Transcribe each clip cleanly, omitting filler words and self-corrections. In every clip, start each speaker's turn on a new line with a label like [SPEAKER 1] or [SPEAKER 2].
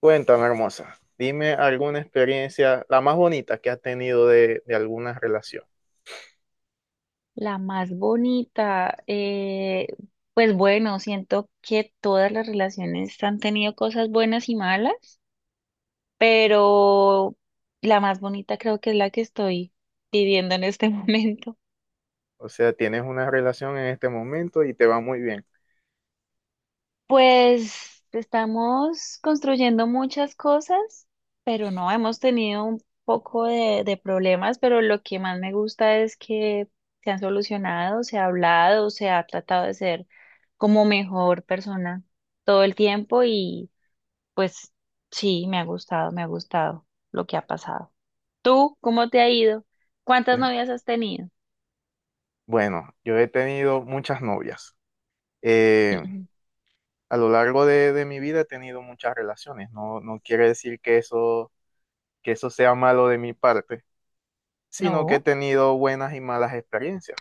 [SPEAKER 1] Cuéntame, hermosa, dime alguna experiencia, la más bonita que has tenido de alguna relación.
[SPEAKER 2] La más bonita, pues bueno, siento que todas las relaciones han tenido cosas buenas y malas, pero la más bonita creo que es la que estoy viviendo en este momento.
[SPEAKER 1] O sea, tienes una relación en este momento y te va muy bien.
[SPEAKER 2] Pues estamos construyendo muchas cosas, pero no hemos tenido un poco de problemas, pero lo que más me gusta es que se han solucionado, se ha hablado, se ha tratado de ser como mejor persona todo el tiempo y pues sí, me ha gustado lo que ha pasado. ¿Tú cómo te ha ido? ¿Cuántas
[SPEAKER 1] Eh,
[SPEAKER 2] novias has tenido?
[SPEAKER 1] Bueno, yo he tenido muchas novias. Eh,
[SPEAKER 2] Mm,
[SPEAKER 1] a lo largo de mi vida he tenido muchas relaciones. No, no quiere decir que eso sea malo de mi parte, sino que he
[SPEAKER 2] no,
[SPEAKER 1] tenido buenas y malas experiencias.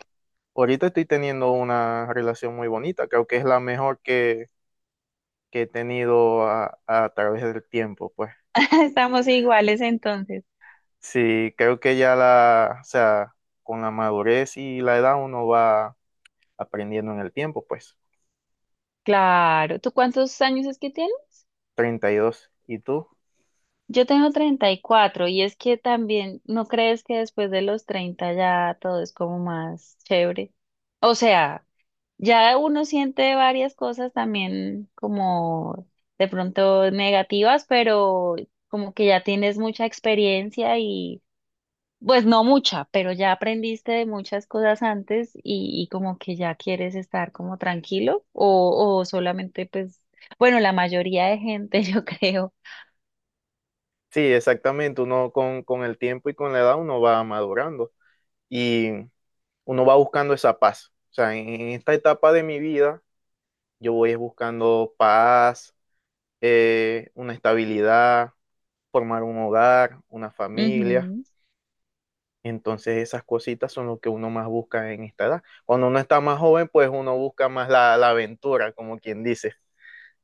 [SPEAKER 1] Ahorita estoy teniendo una relación muy bonita, creo que es la mejor que he tenido a través del tiempo, pues.
[SPEAKER 2] estamos iguales entonces.
[SPEAKER 1] Sí, creo que ya o sea, con la madurez y la edad uno va aprendiendo en el tiempo, pues.
[SPEAKER 2] Claro, ¿tú cuántos años es que tienes?
[SPEAKER 1] 32. ¿Y dos? ¿Y tú?
[SPEAKER 2] Yo tengo 34 y es que también, ¿no crees que después de los 30 ya todo es como más chévere? O sea, ya uno siente varias cosas también como de pronto negativas, pero como que ya tienes mucha experiencia y pues no mucha, pero ya aprendiste de muchas cosas antes y como que ya quieres estar como tranquilo o solamente pues, bueno, la mayoría de gente yo creo.
[SPEAKER 1] Sí, exactamente. Uno con el tiempo y con la edad uno va madurando y uno va buscando esa paz. O sea, en esta etapa de mi vida yo voy es buscando paz, una estabilidad, formar un hogar, una familia.
[SPEAKER 2] Ujú.
[SPEAKER 1] Entonces esas cositas son lo que uno más busca en esta edad. Cuando uno está más joven, pues uno busca más la aventura, como quien dice.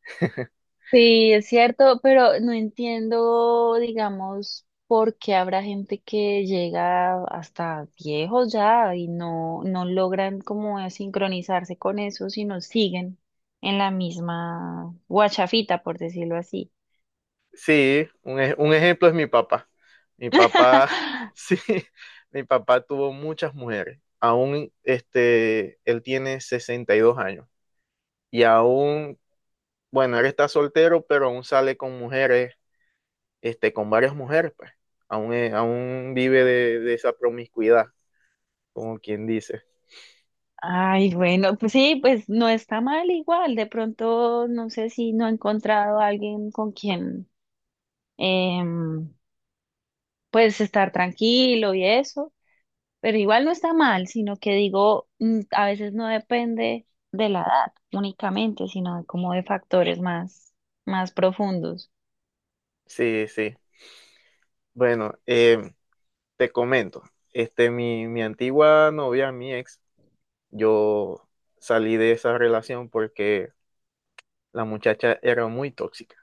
[SPEAKER 2] Sí, es cierto, pero no entiendo, digamos, por qué habrá gente que llega hasta viejos ya y no, no logran como sincronizarse con eso, sino siguen en la misma guachafita, por decirlo así.
[SPEAKER 1] Sí, un ejemplo es mi papá. Mi papá, sí, mi papá tuvo muchas mujeres. Aún, este, él tiene 62 años y aún, bueno, él está soltero, pero aún sale con mujeres, este, con varias mujeres, pues. Aún vive de esa promiscuidad, como quien dice.
[SPEAKER 2] Ay, bueno, pues sí, pues no está mal igual. De pronto, no sé si no he encontrado a alguien con quien, em, pues estar tranquilo y eso. Pero igual no está mal, sino que digo, mm, a veces no depende de la edad únicamente, sino de como de factores más, más profundos.
[SPEAKER 1] Sí, sí. Bueno, te comento, este, mi antigua novia, mi ex, yo salí de esa relación porque la muchacha era muy tóxica.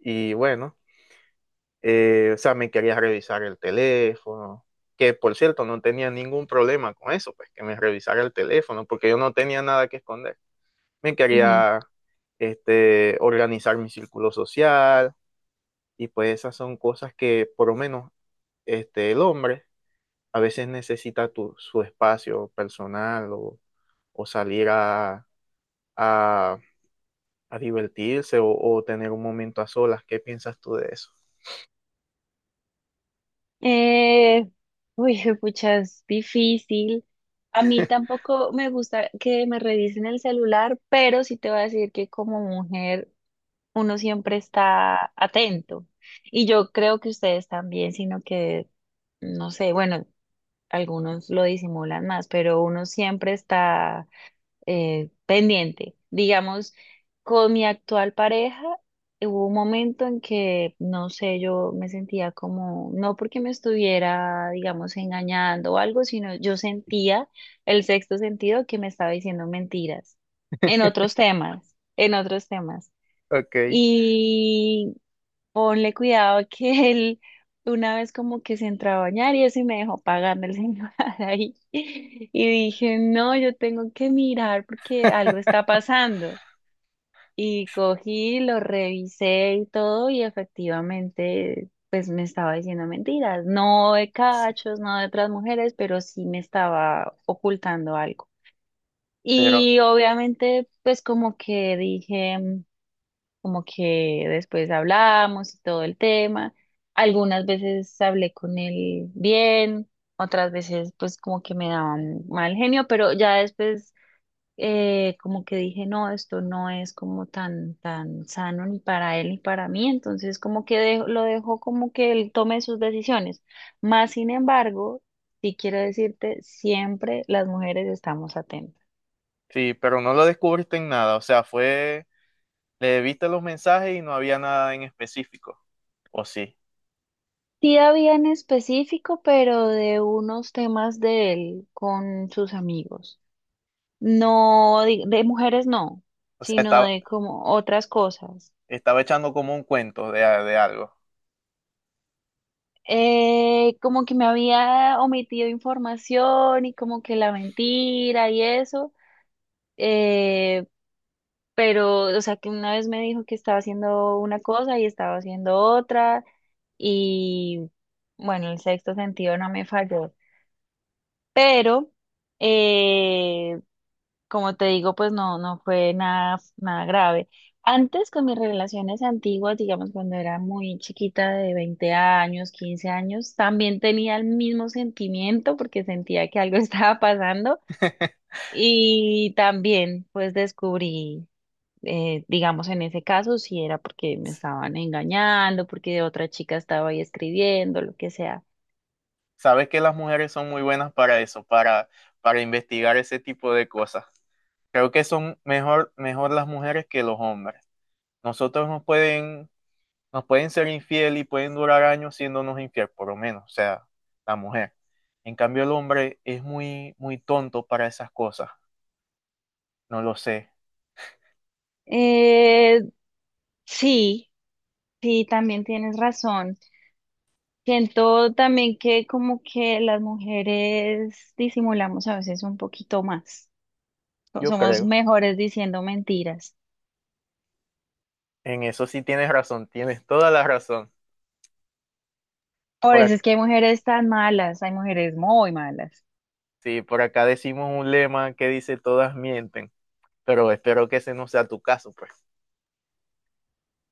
[SPEAKER 1] Y bueno, o sea, me quería revisar el teléfono, que por cierto no tenía ningún problema con eso, pues que me revisara el teléfono, porque yo no tenía nada que esconder. Me
[SPEAKER 2] Ujú, ujú.
[SPEAKER 1] quería este, organizar mi círculo social y pues esas son cosas que por lo menos este, el hombre a veces necesita su espacio personal o salir a- a divertirse o tener un momento a solas. ¿Qué piensas tú de eso?
[SPEAKER 2] Eh, uy, pucha, es difícil. A mí tampoco me gusta que me revisen el celular, pero sí te voy a decir que como mujer uno siempre está atento. Y yo creo que ustedes también, sino que, no sé, bueno, algunos lo disimulan más, pero uno siempre está pendiente. Digamos, con mi actual pareja hubo un momento en que, no sé, yo me sentía como, no porque me estuviera, digamos, engañando o algo, sino yo sentía el sexto sentido que me estaba diciendo mentiras en otros temas, en otros temas.
[SPEAKER 1] Ok.
[SPEAKER 2] Y ponle cuidado que él una vez como que se entró a bañar y eso y me dejó pagando el señor ahí. Y dije, no, yo tengo que mirar porque algo está pasando. Y cogí, lo revisé y todo y efectivamente pues me estaba diciendo mentiras, no de
[SPEAKER 1] Sí,
[SPEAKER 2] cachos, no de otras mujeres, pero sí me estaba ocultando algo.
[SPEAKER 1] pero
[SPEAKER 2] Y obviamente pues como que dije como que después hablamos y todo el tema. Algunas veces hablé con él bien, otras veces pues como que me daban mal genio, pero ya después como que dije, no, esto no es como tan, tan sano ni para él ni para mí, entonces como que lo dejo como que él tome sus decisiones. Más sin embargo, sí quiero decirte, siempre las mujeres estamos atentas.
[SPEAKER 1] sí, pero no lo descubriste en nada, o sea, fue, le viste los mensajes y no había nada en específico, o sí,
[SPEAKER 2] Sí había en específico, pero de unos temas de él con sus amigos. No, de mujeres no,
[SPEAKER 1] o sea,
[SPEAKER 2] sino
[SPEAKER 1] estaba,
[SPEAKER 2] de como otras cosas.
[SPEAKER 1] estaba echando como un cuento de algo.
[SPEAKER 2] Como que me había omitido información y como que la mentira y eso. eh, pero, o sea, que una vez me dijo que estaba haciendo una cosa y estaba haciendo otra. Y bueno, el sexto sentido no me falló. Pero. Eh, Como te digo, pues no, no fue nada, nada grave. Antes con mis relaciones antiguas, digamos cuando era muy chiquita de 20 años, 15 años, también tenía el mismo sentimiento porque sentía que algo estaba pasando y también pues descubrí, digamos en ese caso, si era porque me estaban engañando, porque otra chica estaba ahí escribiendo, lo que sea.
[SPEAKER 1] Sabes que las mujeres son muy buenas para eso, para investigar ese tipo de cosas. Creo que son mejor, mejor las mujeres que los hombres. Nosotros nos pueden ser infiel y pueden durar años siéndonos infiel, por lo menos, o sea, la mujer. En cambio, el hombre es muy, muy tonto para esas cosas. No lo sé.
[SPEAKER 2] Eh, sí, sí, también tienes razón. Siento también que como que las mujeres disimulamos a veces un poquito más.
[SPEAKER 1] Yo
[SPEAKER 2] Somos
[SPEAKER 1] creo.
[SPEAKER 2] mejores diciendo mentiras.
[SPEAKER 1] En eso sí tienes razón, tienes toda la razón.
[SPEAKER 2] Por
[SPEAKER 1] Por
[SPEAKER 2] eso es
[SPEAKER 1] acá,
[SPEAKER 2] que hay mujeres tan malas, hay mujeres muy malas.
[SPEAKER 1] sí, por acá decimos un lema que dice todas mienten, pero espero que ese no sea tu caso, pues.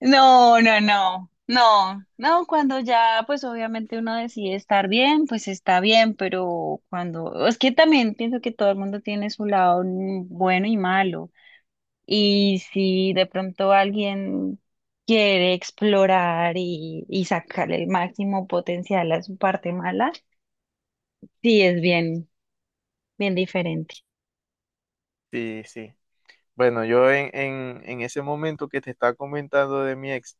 [SPEAKER 2] No, no, no, no, no, cuando ya pues obviamente uno decide estar bien, pues está bien, pero cuando, es que también pienso que todo el mundo tiene su lado bueno y malo. Y si de pronto alguien quiere explorar y sacarle el máximo potencial a su parte mala, sí es bien, bien diferente.
[SPEAKER 1] Sí, sí. Bueno, yo en ese momento que te estaba comentando de mi ex,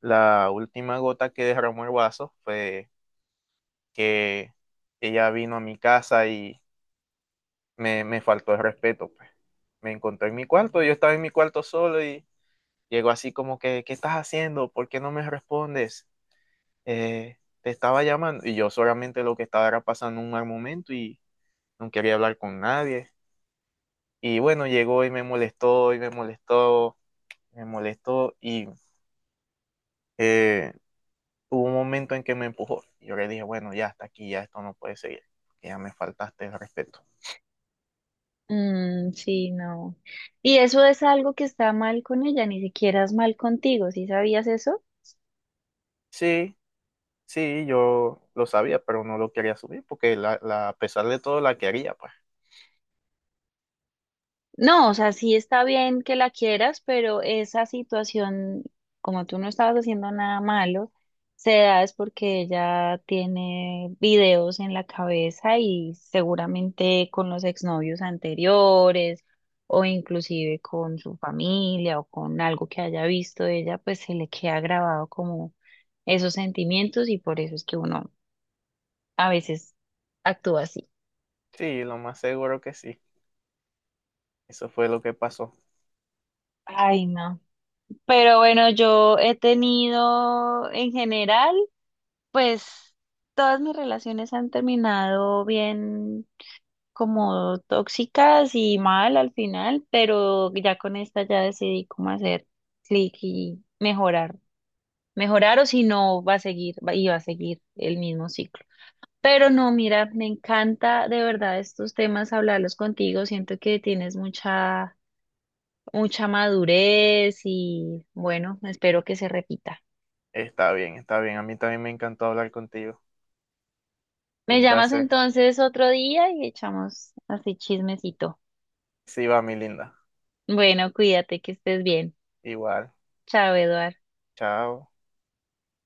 [SPEAKER 1] la última gota que derramó el vaso fue que ella vino a mi casa y me faltó el respeto, pues. Me encontró en mi cuarto, yo estaba en mi cuarto solo y llegó así como que, ¿qué estás haciendo? ¿Por qué no me respondes? Te estaba llamando y yo solamente lo que estaba era pasando un mal momento y no quería hablar con nadie. Y bueno, llegó y me molestó y... eh, hubo un momento en que me empujó. Yo le dije, bueno, ya hasta aquí, ya esto no puede seguir, que ya me faltaste el respeto.
[SPEAKER 2] Mm, sí, no. Y eso es algo que está mal con ella, ni siquiera es mal contigo, ¿sí sabías eso?
[SPEAKER 1] Sí, sí, yo lo sabía, pero no lo quería subir porque a pesar de todo la quería, pues.
[SPEAKER 2] No, o sea, sí está bien que la quieras, pero esa situación, como tú no estabas haciendo nada malo, se da es porque ella tiene videos en la cabeza y seguramente con los exnovios anteriores o inclusive con su familia o con algo que haya visto de ella, pues se le queda grabado como esos sentimientos y por eso es que uno a veces actúa así.
[SPEAKER 1] Sí, lo más seguro que sí. Eso fue lo que pasó.
[SPEAKER 2] Ay, no. Pero bueno, yo he tenido en general, pues todas mis relaciones han terminado bien como tóxicas y mal al final, pero ya con esta ya decidí cómo hacer clic y mejorar. Mejorar o si no, va a seguir, y va a seguir el mismo ciclo. Pero no, mira, me encanta de verdad estos temas, hablarlos contigo. Siento que tienes mucha, mucha madurez y bueno, espero que se repita.
[SPEAKER 1] Está bien, está bien. A mí también me encantó hablar contigo.
[SPEAKER 2] Me
[SPEAKER 1] Un
[SPEAKER 2] llamas
[SPEAKER 1] placer.
[SPEAKER 2] entonces otro día y echamos así chismecito.
[SPEAKER 1] Sí, va, mi linda.
[SPEAKER 2] Bueno, cuídate, que estés bien.
[SPEAKER 1] Igual.
[SPEAKER 2] Chao, Eduard.
[SPEAKER 1] Chao.